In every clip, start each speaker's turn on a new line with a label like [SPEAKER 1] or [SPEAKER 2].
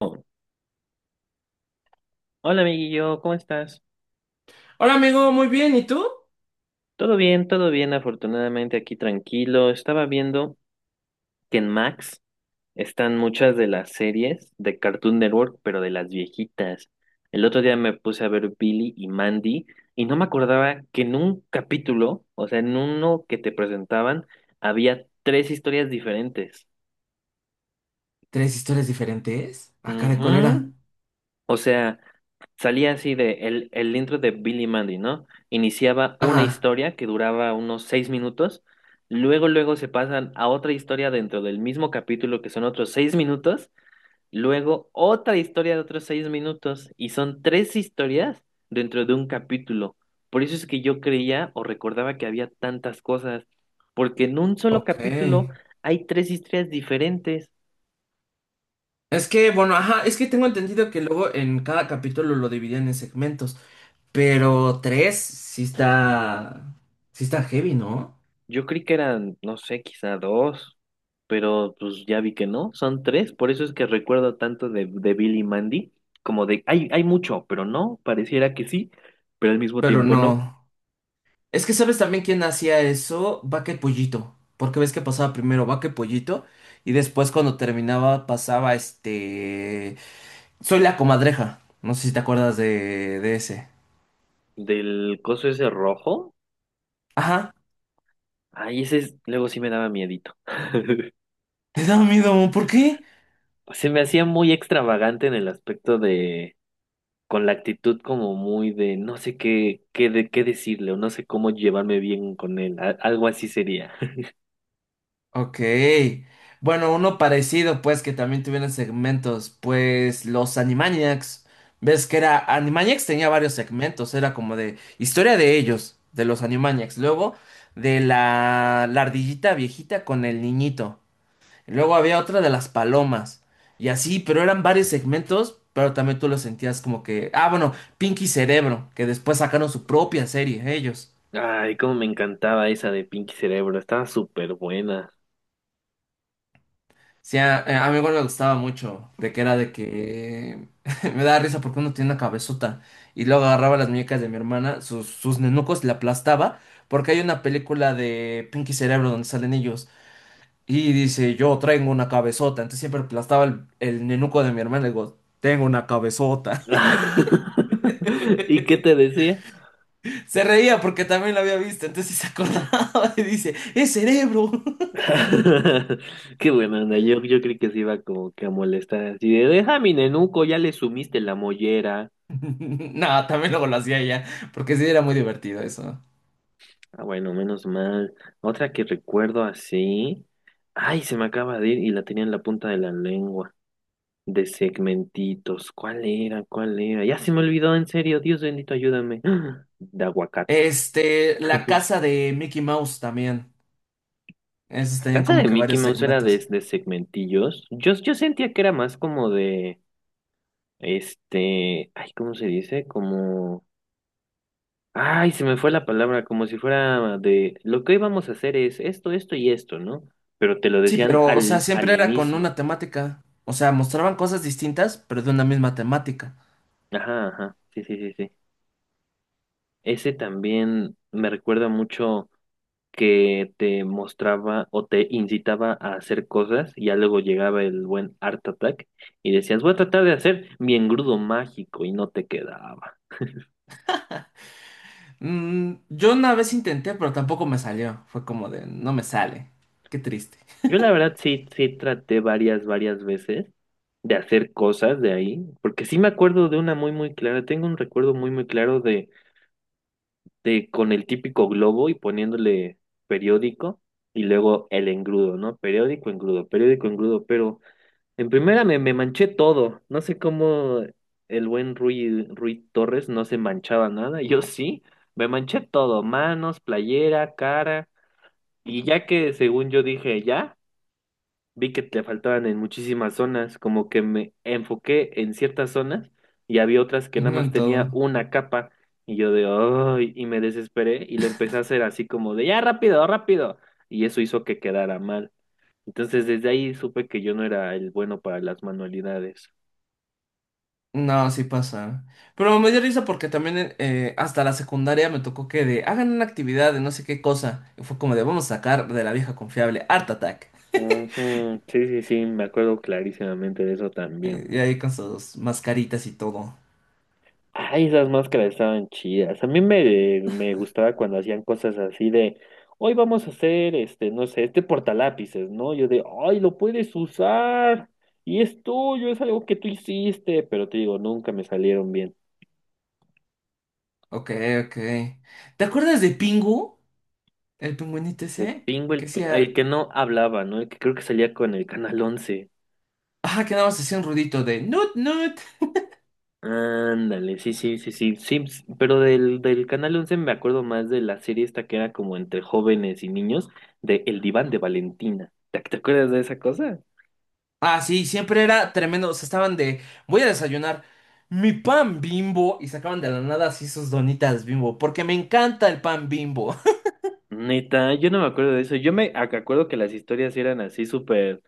[SPEAKER 1] Oh, hola, amiguillo, ¿cómo estás?
[SPEAKER 2] Hola amigo, muy bien, ¿y tú?
[SPEAKER 1] Todo bien, afortunadamente aquí tranquilo. Estaba viendo que en Max están muchas de las series de Cartoon Network, pero de las viejitas. El otro día me puse a ver Billy y Mandy y no me acordaba que en un capítulo, o sea, en uno que te presentaban, había tres historias diferentes.
[SPEAKER 2] ¿Tres historias diferentes? Acá de cólera.
[SPEAKER 1] Ujú. O sea, salía así de el intro de Billy Mandy, ¿no? Iniciaba una
[SPEAKER 2] Ajá,
[SPEAKER 1] historia que duraba unos 6 minutos, luego se pasan a otra historia dentro del mismo capítulo que son otros 6 minutos, luego otra historia de otros 6 minutos, y son tres historias dentro de un capítulo. Por eso es que yo creía o recordaba que había tantas cosas, porque en un solo capítulo
[SPEAKER 2] ok.
[SPEAKER 1] hay tres historias diferentes.
[SPEAKER 2] Es que, bueno, ajá, es que tengo entendido que luego en cada capítulo lo dividían en segmentos, pero tres sí está heavy, ¿no?
[SPEAKER 1] Yo creí que eran, no sé, quizá dos, pero pues ya vi que no, son tres, por eso es que recuerdo tanto de Billy y Mandy, como hay mucho, pero no, pareciera que sí, pero al mismo
[SPEAKER 2] Pero
[SPEAKER 1] tiempo no.
[SPEAKER 2] no. Es que sabes también quién hacía eso, Vaca y Pollito, porque ves que pasaba primero Vaca y Pollito y después cuando terminaba pasaba este... Soy la comadreja, no sé si te acuerdas de ese.
[SPEAKER 1] Del coso ese rojo,
[SPEAKER 2] Ajá,
[SPEAKER 1] ay, ese luego sí me daba miedito.
[SPEAKER 2] te da miedo, ¿por qué?
[SPEAKER 1] Se me hacía muy extravagante en el aspecto de, con la actitud como muy de, no sé qué decirle o no sé cómo llevarme bien con él, algo así sería.
[SPEAKER 2] Ok. Bueno, uno parecido, pues, que también tuvieron segmentos, pues, los Animaniacs. Ves que era, Animaniacs tenía varios segmentos, era como de historia de ellos, de los Animaniacs. Luego, de la ardillita viejita con el niñito. Luego había otra de las palomas. Y así, pero eran varios segmentos, pero también tú lo sentías como que, ah, bueno, Pinky Cerebro, que después sacaron su propia serie, ellos.
[SPEAKER 1] Ay, cómo me encantaba esa de Pinky Cerebro, estaba súper buena.
[SPEAKER 2] Sí, a mi igual me gustaba mucho, de que era de que me daba risa porque uno tiene una cabezota y luego agarraba las muñecas de mi hermana, sus nenucos, y la aplastaba, porque hay una película de Pinky Cerebro donde salen ellos y dice, yo traigo una cabezota, entonces siempre aplastaba el nenuco de mi hermana y digo, tengo una cabezota.
[SPEAKER 1] ¿Y qué te decía?
[SPEAKER 2] Se reía porque también lo había visto, entonces se acordaba y dice, es cerebro.
[SPEAKER 1] Qué buena onda, yo creí que se iba como que a molestar así de, deja mi nenuco, ya le sumiste la mollera.
[SPEAKER 2] No, también luego lo hacía ella, porque sí era muy divertido eso.
[SPEAKER 1] Ah, bueno, menos mal. Otra que recuerdo así. Ay, se me acaba de ir y la tenía en la punta de la lengua. De segmentitos. ¿Cuál era? ¿Cuál era? Ya se me olvidó, en serio, Dios bendito, ayúdame. De aguacate.
[SPEAKER 2] Este, la casa de Mickey Mouse también. Esos tenían
[SPEAKER 1] Casa
[SPEAKER 2] como
[SPEAKER 1] de
[SPEAKER 2] que
[SPEAKER 1] Mickey
[SPEAKER 2] varios
[SPEAKER 1] Mouse era
[SPEAKER 2] segmentos.
[SPEAKER 1] de segmentillos. Yo sentía que era más como de, este, ay, ¿cómo se dice? Como, ay, se me fue la palabra, como si fuera de, lo que hoy vamos a hacer es esto, esto y esto, ¿no? Pero te lo
[SPEAKER 2] Sí,
[SPEAKER 1] decían
[SPEAKER 2] pero, o sea,
[SPEAKER 1] al
[SPEAKER 2] siempre era con una
[SPEAKER 1] inicio.
[SPEAKER 2] temática. O sea, mostraban cosas distintas, pero de una misma temática.
[SPEAKER 1] Ajá, ajá, sí, sí, sí, sí. Ese también me recuerda mucho, que te mostraba o te incitaba a hacer cosas, y ya luego llegaba el buen Art Attack y decías, voy a tratar de hacer mi engrudo mágico y no te quedaba.
[SPEAKER 2] Mm, yo una vez intenté, pero tampoco me salió. Fue como de, no me sale. Qué triste.
[SPEAKER 1] Yo la verdad sí, sí traté varias, varias veces de hacer cosas de ahí, porque sí me acuerdo de una muy, muy clara, tengo un recuerdo muy, muy claro de con el típico globo y poniéndole periódico y luego el engrudo, ¿no? Periódico, engrudo, pero... En primera me manché todo. No sé cómo el buen Rui Torres no se manchaba nada. Yo sí, me manché todo, manos, playera, cara. Y ya que según yo dije ya, vi que te faltaban en muchísimas zonas, como que me enfoqué en ciertas zonas y había otras que
[SPEAKER 2] Y
[SPEAKER 1] nada
[SPEAKER 2] no
[SPEAKER 1] más
[SPEAKER 2] en todo.
[SPEAKER 1] tenía una capa. Y yo de, ay, y me desesperé y lo empecé a hacer así como de, ya rápido, rápido. Y eso hizo que quedara mal. Entonces desde ahí supe que yo no era el bueno para las manualidades.
[SPEAKER 2] No, sí pasa. Pero me dio risa porque también hasta la secundaria me tocó que de, hagan una actividad de no sé qué cosa. Y fue como de, vamos a sacar de la vieja confiable Art Attack.
[SPEAKER 1] Ujú, sí, sí, sí, me acuerdo clarísimamente de eso también.
[SPEAKER 2] Y ahí con sus mascaritas y todo.
[SPEAKER 1] Ay, esas máscaras estaban chidas. A mí me gustaba cuando hacían cosas así de, hoy vamos a hacer este, no sé, este portalápices, ¿no? Yo de, ay, lo puedes usar y es tuyo, es algo que tú hiciste, pero te digo, nunca me salieron bien.
[SPEAKER 2] Ok, ok. ¿Te acuerdas de Pingu? El pingüinito
[SPEAKER 1] De
[SPEAKER 2] ese
[SPEAKER 1] Pingo el,
[SPEAKER 2] que
[SPEAKER 1] pi-
[SPEAKER 2] hacía.
[SPEAKER 1] el que no hablaba, ¿no? El que creo que salía con el Canal once.
[SPEAKER 2] Ajá, que nada más hacía un ruidito de nut nut.
[SPEAKER 1] Ándale, sí, sí, sí, sí, sí, pero del Canal once me acuerdo más de la serie esta que era como entre jóvenes y niños, de El Diván de Valentina. ¿Te acuerdas de esa cosa?
[SPEAKER 2] Ah, sí, siempre era tremendo. O sea, estaban de voy a desayunar mi pan Bimbo y sacaban de la nada así sus donitas Bimbo, porque me encanta el pan Bimbo.
[SPEAKER 1] Neta, yo no me acuerdo de eso. Yo me acuerdo que las historias eran así súper,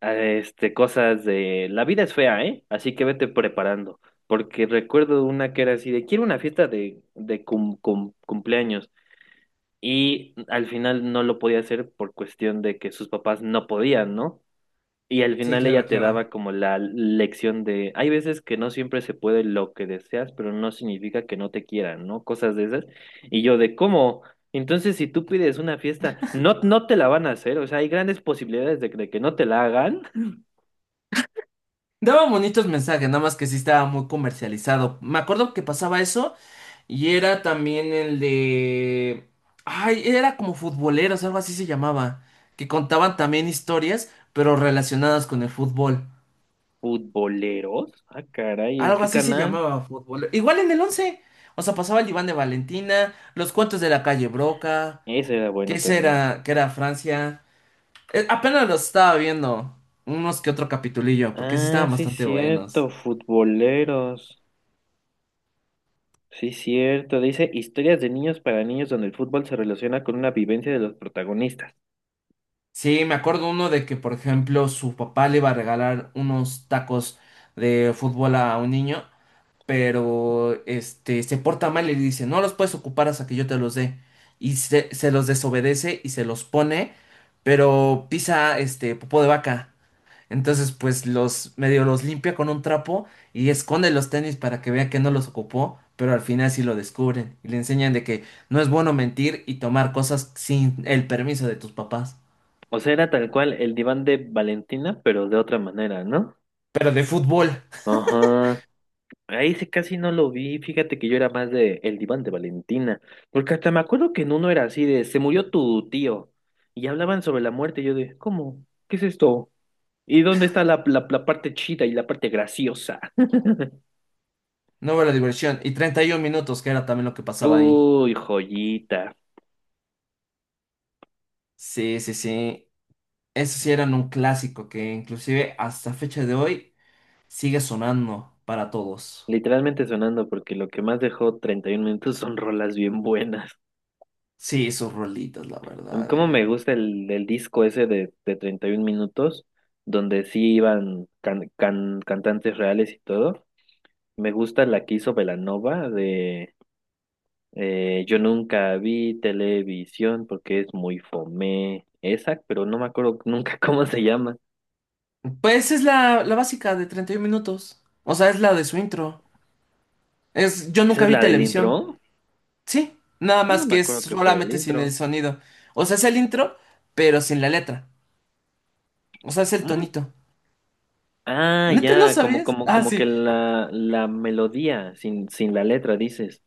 [SPEAKER 1] este, cosas de la vida es fea, ¿eh? Así que vete preparando, porque recuerdo una que era así de quiero una fiesta de, de cumpleaños y al final no lo podía hacer por cuestión de que sus papás no podían, ¿no? Y al
[SPEAKER 2] Sí,
[SPEAKER 1] final
[SPEAKER 2] claro,
[SPEAKER 1] ella te
[SPEAKER 2] claro.
[SPEAKER 1] daba como la lección de, hay veces que no siempre se puede lo que deseas, pero no significa que no te quieran, ¿no? Cosas de esas. Y yo de, ¿cómo? Entonces, si tú pides una fiesta, no, no te la van a hacer, o sea, hay grandes posibilidades de que no te la hagan.
[SPEAKER 2] Daba bonitos mensajes, nada más que sí estaba muy comercializado. Me acuerdo que pasaba eso. Y era también el de... Ay, era como futboleros, algo así se llamaba. Que contaban también historias, pero relacionadas con el fútbol.
[SPEAKER 1] Futboleros, ah, caray, ¿en
[SPEAKER 2] Algo
[SPEAKER 1] qué
[SPEAKER 2] así se
[SPEAKER 1] canal?
[SPEAKER 2] llamaba fútbol. Igual en el once. O sea, pasaba el Iván de Valentina, los cuentos de la calle Broca,
[SPEAKER 1] Ese era bueno también.
[SPEAKER 2] que era Francia. Apenas los estaba viendo. Unos que otro capitulillo, porque sí
[SPEAKER 1] Ah,
[SPEAKER 2] estaban
[SPEAKER 1] sí,
[SPEAKER 2] bastante buenos.
[SPEAKER 1] cierto, futboleros. Sí, cierto, dice historias de niños para niños donde el fútbol se relaciona con una vivencia de los protagonistas.
[SPEAKER 2] Sí, me acuerdo uno de que, por ejemplo, su papá le iba a regalar unos tacos de fútbol a un niño. Pero este se porta mal y le dice, no los puedes ocupar hasta que yo te los dé. Y se los desobedece y se los pone, pero pisa este popó de vaca. Entonces, pues los medio los limpia con un trapo y esconde los tenis para que vea que no los ocupó, pero al final sí lo descubren y le enseñan de que no es bueno mentir y tomar cosas sin el permiso de tus papás.
[SPEAKER 1] O sea, era tal cual el diván de Valentina, pero de otra manera, ¿no?
[SPEAKER 2] Pero de fútbol,
[SPEAKER 1] Ajá. Ahí sí casi no lo vi. Fíjate que yo era más de el diván de Valentina. Porque hasta me acuerdo que en uno era así de se murió tu tío. Y hablaban sobre la muerte. Y yo de, ¿cómo? ¿Qué es esto? ¿Y dónde está la parte chida y la parte graciosa?
[SPEAKER 2] no la diversión. Y 31 minutos, que era también lo que pasaba ahí.
[SPEAKER 1] Uy, joyita.
[SPEAKER 2] Sí, sí, sí. Esos sí eran un clásico que inclusive hasta fecha de hoy sigue sonando para todos.
[SPEAKER 1] Literalmente sonando porque lo que más dejó 31 minutos son rolas bien buenas.
[SPEAKER 2] Sí, sus rolitas, la verdad.
[SPEAKER 1] Cómo me
[SPEAKER 2] Eh.
[SPEAKER 1] gusta el disco ese de 31 minutos, donde sí iban cantantes reales y todo. Me gusta la que hizo Belanova de, Yo nunca vi televisión porque es muy fome esa, pero no me acuerdo nunca cómo se llama.
[SPEAKER 2] Pues es la básica de 31 minutos. O sea, es la de su intro. Es, yo
[SPEAKER 1] ¿Esa
[SPEAKER 2] nunca
[SPEAKER 1] es
[SPEAKER 2] vi
[SPEAKER 1] la del
[SPEAKER 2] televisión.
[SPEAKER 1] intro?
[SPEAKER 2] Sí, nada
[SPEAKER 1] Yo
[SPEAKER 2] más
[SPEAKER 1] no me
[SPEAKER 2] que es
[SPEAKER 1] acuerdo que fuera el
[SPEAKER 2] solamente sin el
[SPEAKER 1] intro.
[SPEAKER 2] sonido. O sea, es el intro, pero sin la letra. O sea, es el
[SPEAKER 1] ¿Mm?
[SPEAKER 2] tonito.
[SPEAKER 1] Ah,
[SPEAKER 2] ¿Neta no
[SPEAKER 1] ya, como,
[SPEAKER 2] sabías?
[SPEAKER 1] como,
[SPEAKER 2] Ah,
[SPEAKER 1] como que
[SPEAKER 2] sí.
[SPEAKER 1] la melodía sin la letra, dices.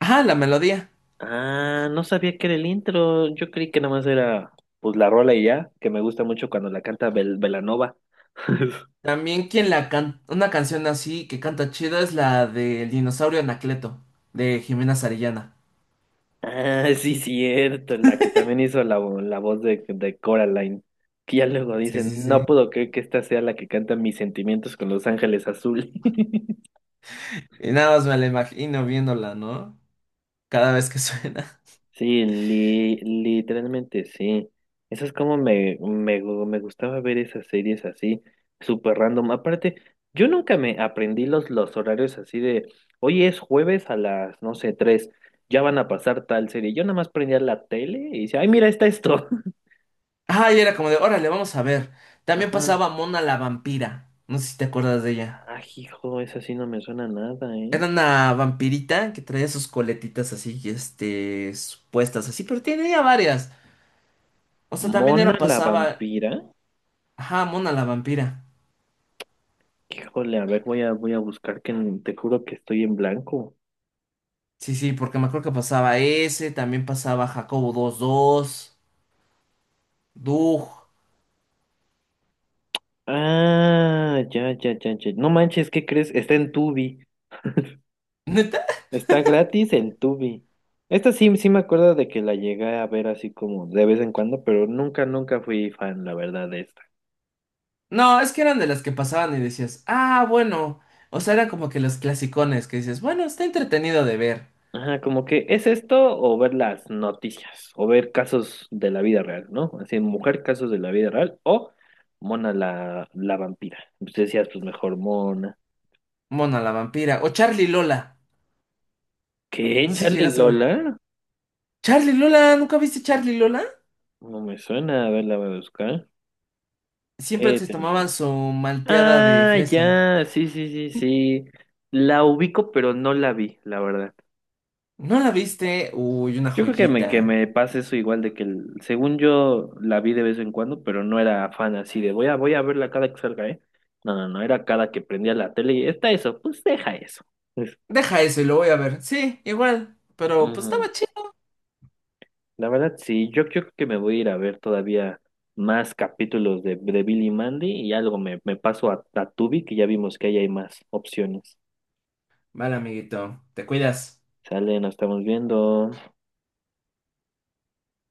[SPEAKER 2] Ajá, la melodía.
[SPEAKER 1] Ah, no sabía que era el intro. Yo creí que nomás era pues la rola y ya, que me gusta mucho cuando la canta Belanova.
[SPEAKER 2] También quien la canta, una canción así que canta chida es la del dinosaurio Anacleto, de Jimena Sarillana.
[SPEAKER 1] Ah, sí, cierto, la que también hizo la voz de Coraline. Que ya luego
[SPEAKER 2] Sí,
[SPEAKER 1] dicen,
[SPEAKER 2] sí,
[SPEAKER 1] no
[SPEAKER 2] sí.
[SPEAKER 1] puedo creer que esta sea la que canta Mis sentimientos con los ángeles azules.
[SPEAKER 2] Y nada más me la imagino viéndola, ¿no? Cada vez que suena.
[SPEAKER 1] Sí, literalmente sí. Eso es como me gustaba ver esas series así, súper random. Aparte, yo nunca me aprendí los horarios así de, hoy es jueves a las, no sé, tres, ya van a pasar tal serie. Yo nada más prendía la tele y decía, ay, mira, está esto.
[SPEAKER 2] Ah, y era como de, órale, vamos a ver. También
[SPEAKER 1] Ajá.
[SPEAKER 2] pasaba Mona la vampira. No sé si te acuerdas de ella.
[SPEAKER 1] Ah, hijo, esa sí no me suena nada, ¿eh?
[SPEAKER 2] Era una vampirita que traía sus coletitas así, este, puestas así, pero tenía varias. O sea, también
[SPEAKER 1] Mona
[SPEAKER 2] era
[SPEAKER 1] la
[SPEAKER 2] pasaba,
[SPEAKER 1] vampira.
[SPEAKER 2] ajá, Mona la vampira.
[SPEAKER 1] Híjole, a ver, voy a buscar que te juro que estoy en blanco.
[SPEAKER 2] Sí, sí, porque me acuerdo que pasaba ese, también pasaba Jacobo dos dos Doug.
[SPEAKER 1] Ah, ya, ya, ya, ya. No manches, ¿qué crees? Está en Tubi.
[SPEAKER 2] ¿Neta?
[SPEAKER 1] Está gratis en Tubi. Esta sí, sí me acuerdo de que la llegué a ver así como de vez en cuando, pero nunca, nunca fui fan, la verdad, de esta.
[SPEAKER 2] No, es que eran de las que pasaban y decías, ah, bueno. O sea, eran como que los clasicones que dices, bueno, está entretenido de ver.
[SPEAKER 1] Ajá, como que es esto o ver las noticias o ver casos de la vida real, ¿no? Así, mujer, casos de la vida real o Mona la vampira. Pues decías, pues mejor Mona.
[SPEAKER 2] Mona la vampira. O Charlie Lola.
[SPEAKER 1] ¿Qué?
[SPEAKER 2] No sé si
[SPEAKER 1] ¿Charlie
[SPEAKER 2] llegaste a ver.
[SPEAKER 1] Lola?
[SPEAKER 2] Charlie Lola, ¿nunca viste Charlie Lola?
[SPEAKER 1] No me suena, a ver, la voy a buscar.
[SPEAKER 2] Siempre
[SPEAKER 1] Sí,
[SPEAKER 2] te tomaban
[SPEAKER 1] Televisa.
[SPEAKER 2] su malteada de
[SPEAKER 1] Ah,
[SPEAKER 2] fresa.
[SPEAKER 1] ya, sí, sí, sí, sí. La ubico, pero no la vi, la verdad.
[SPEAKER 2] ¿No la viste? Uy, una
[SPEAKER 1] Yo creo que me, que
[SPEAKER 2] joyita.
[SPEAKER 1] me pasa eso igual de que según yo la vi de vez en cuando, pero no era fan así de voy a verla cada que salga, ¿eh? No, no, no, era cada que prendía la tele y está eso, pues deja eso. Pues,
[SPEAKER 2] Deja eso y lo voy a ver. Sí, igual. Pero pues
[SPEAKER 1] ujú.
[SPEAKER 2] estaba chido.
[SPEAKER 1] La verdad, sí, yo creo que me voy a ir a ver todavía más capítulos de Billy Mandy y algo me paso a Tubi, que ya vimos que ahí hay más opciones.
[SPEAKER 2] Vale, amiguito. Te cuidas.
[SPEAKER 1] Sale, nos estamos viendo.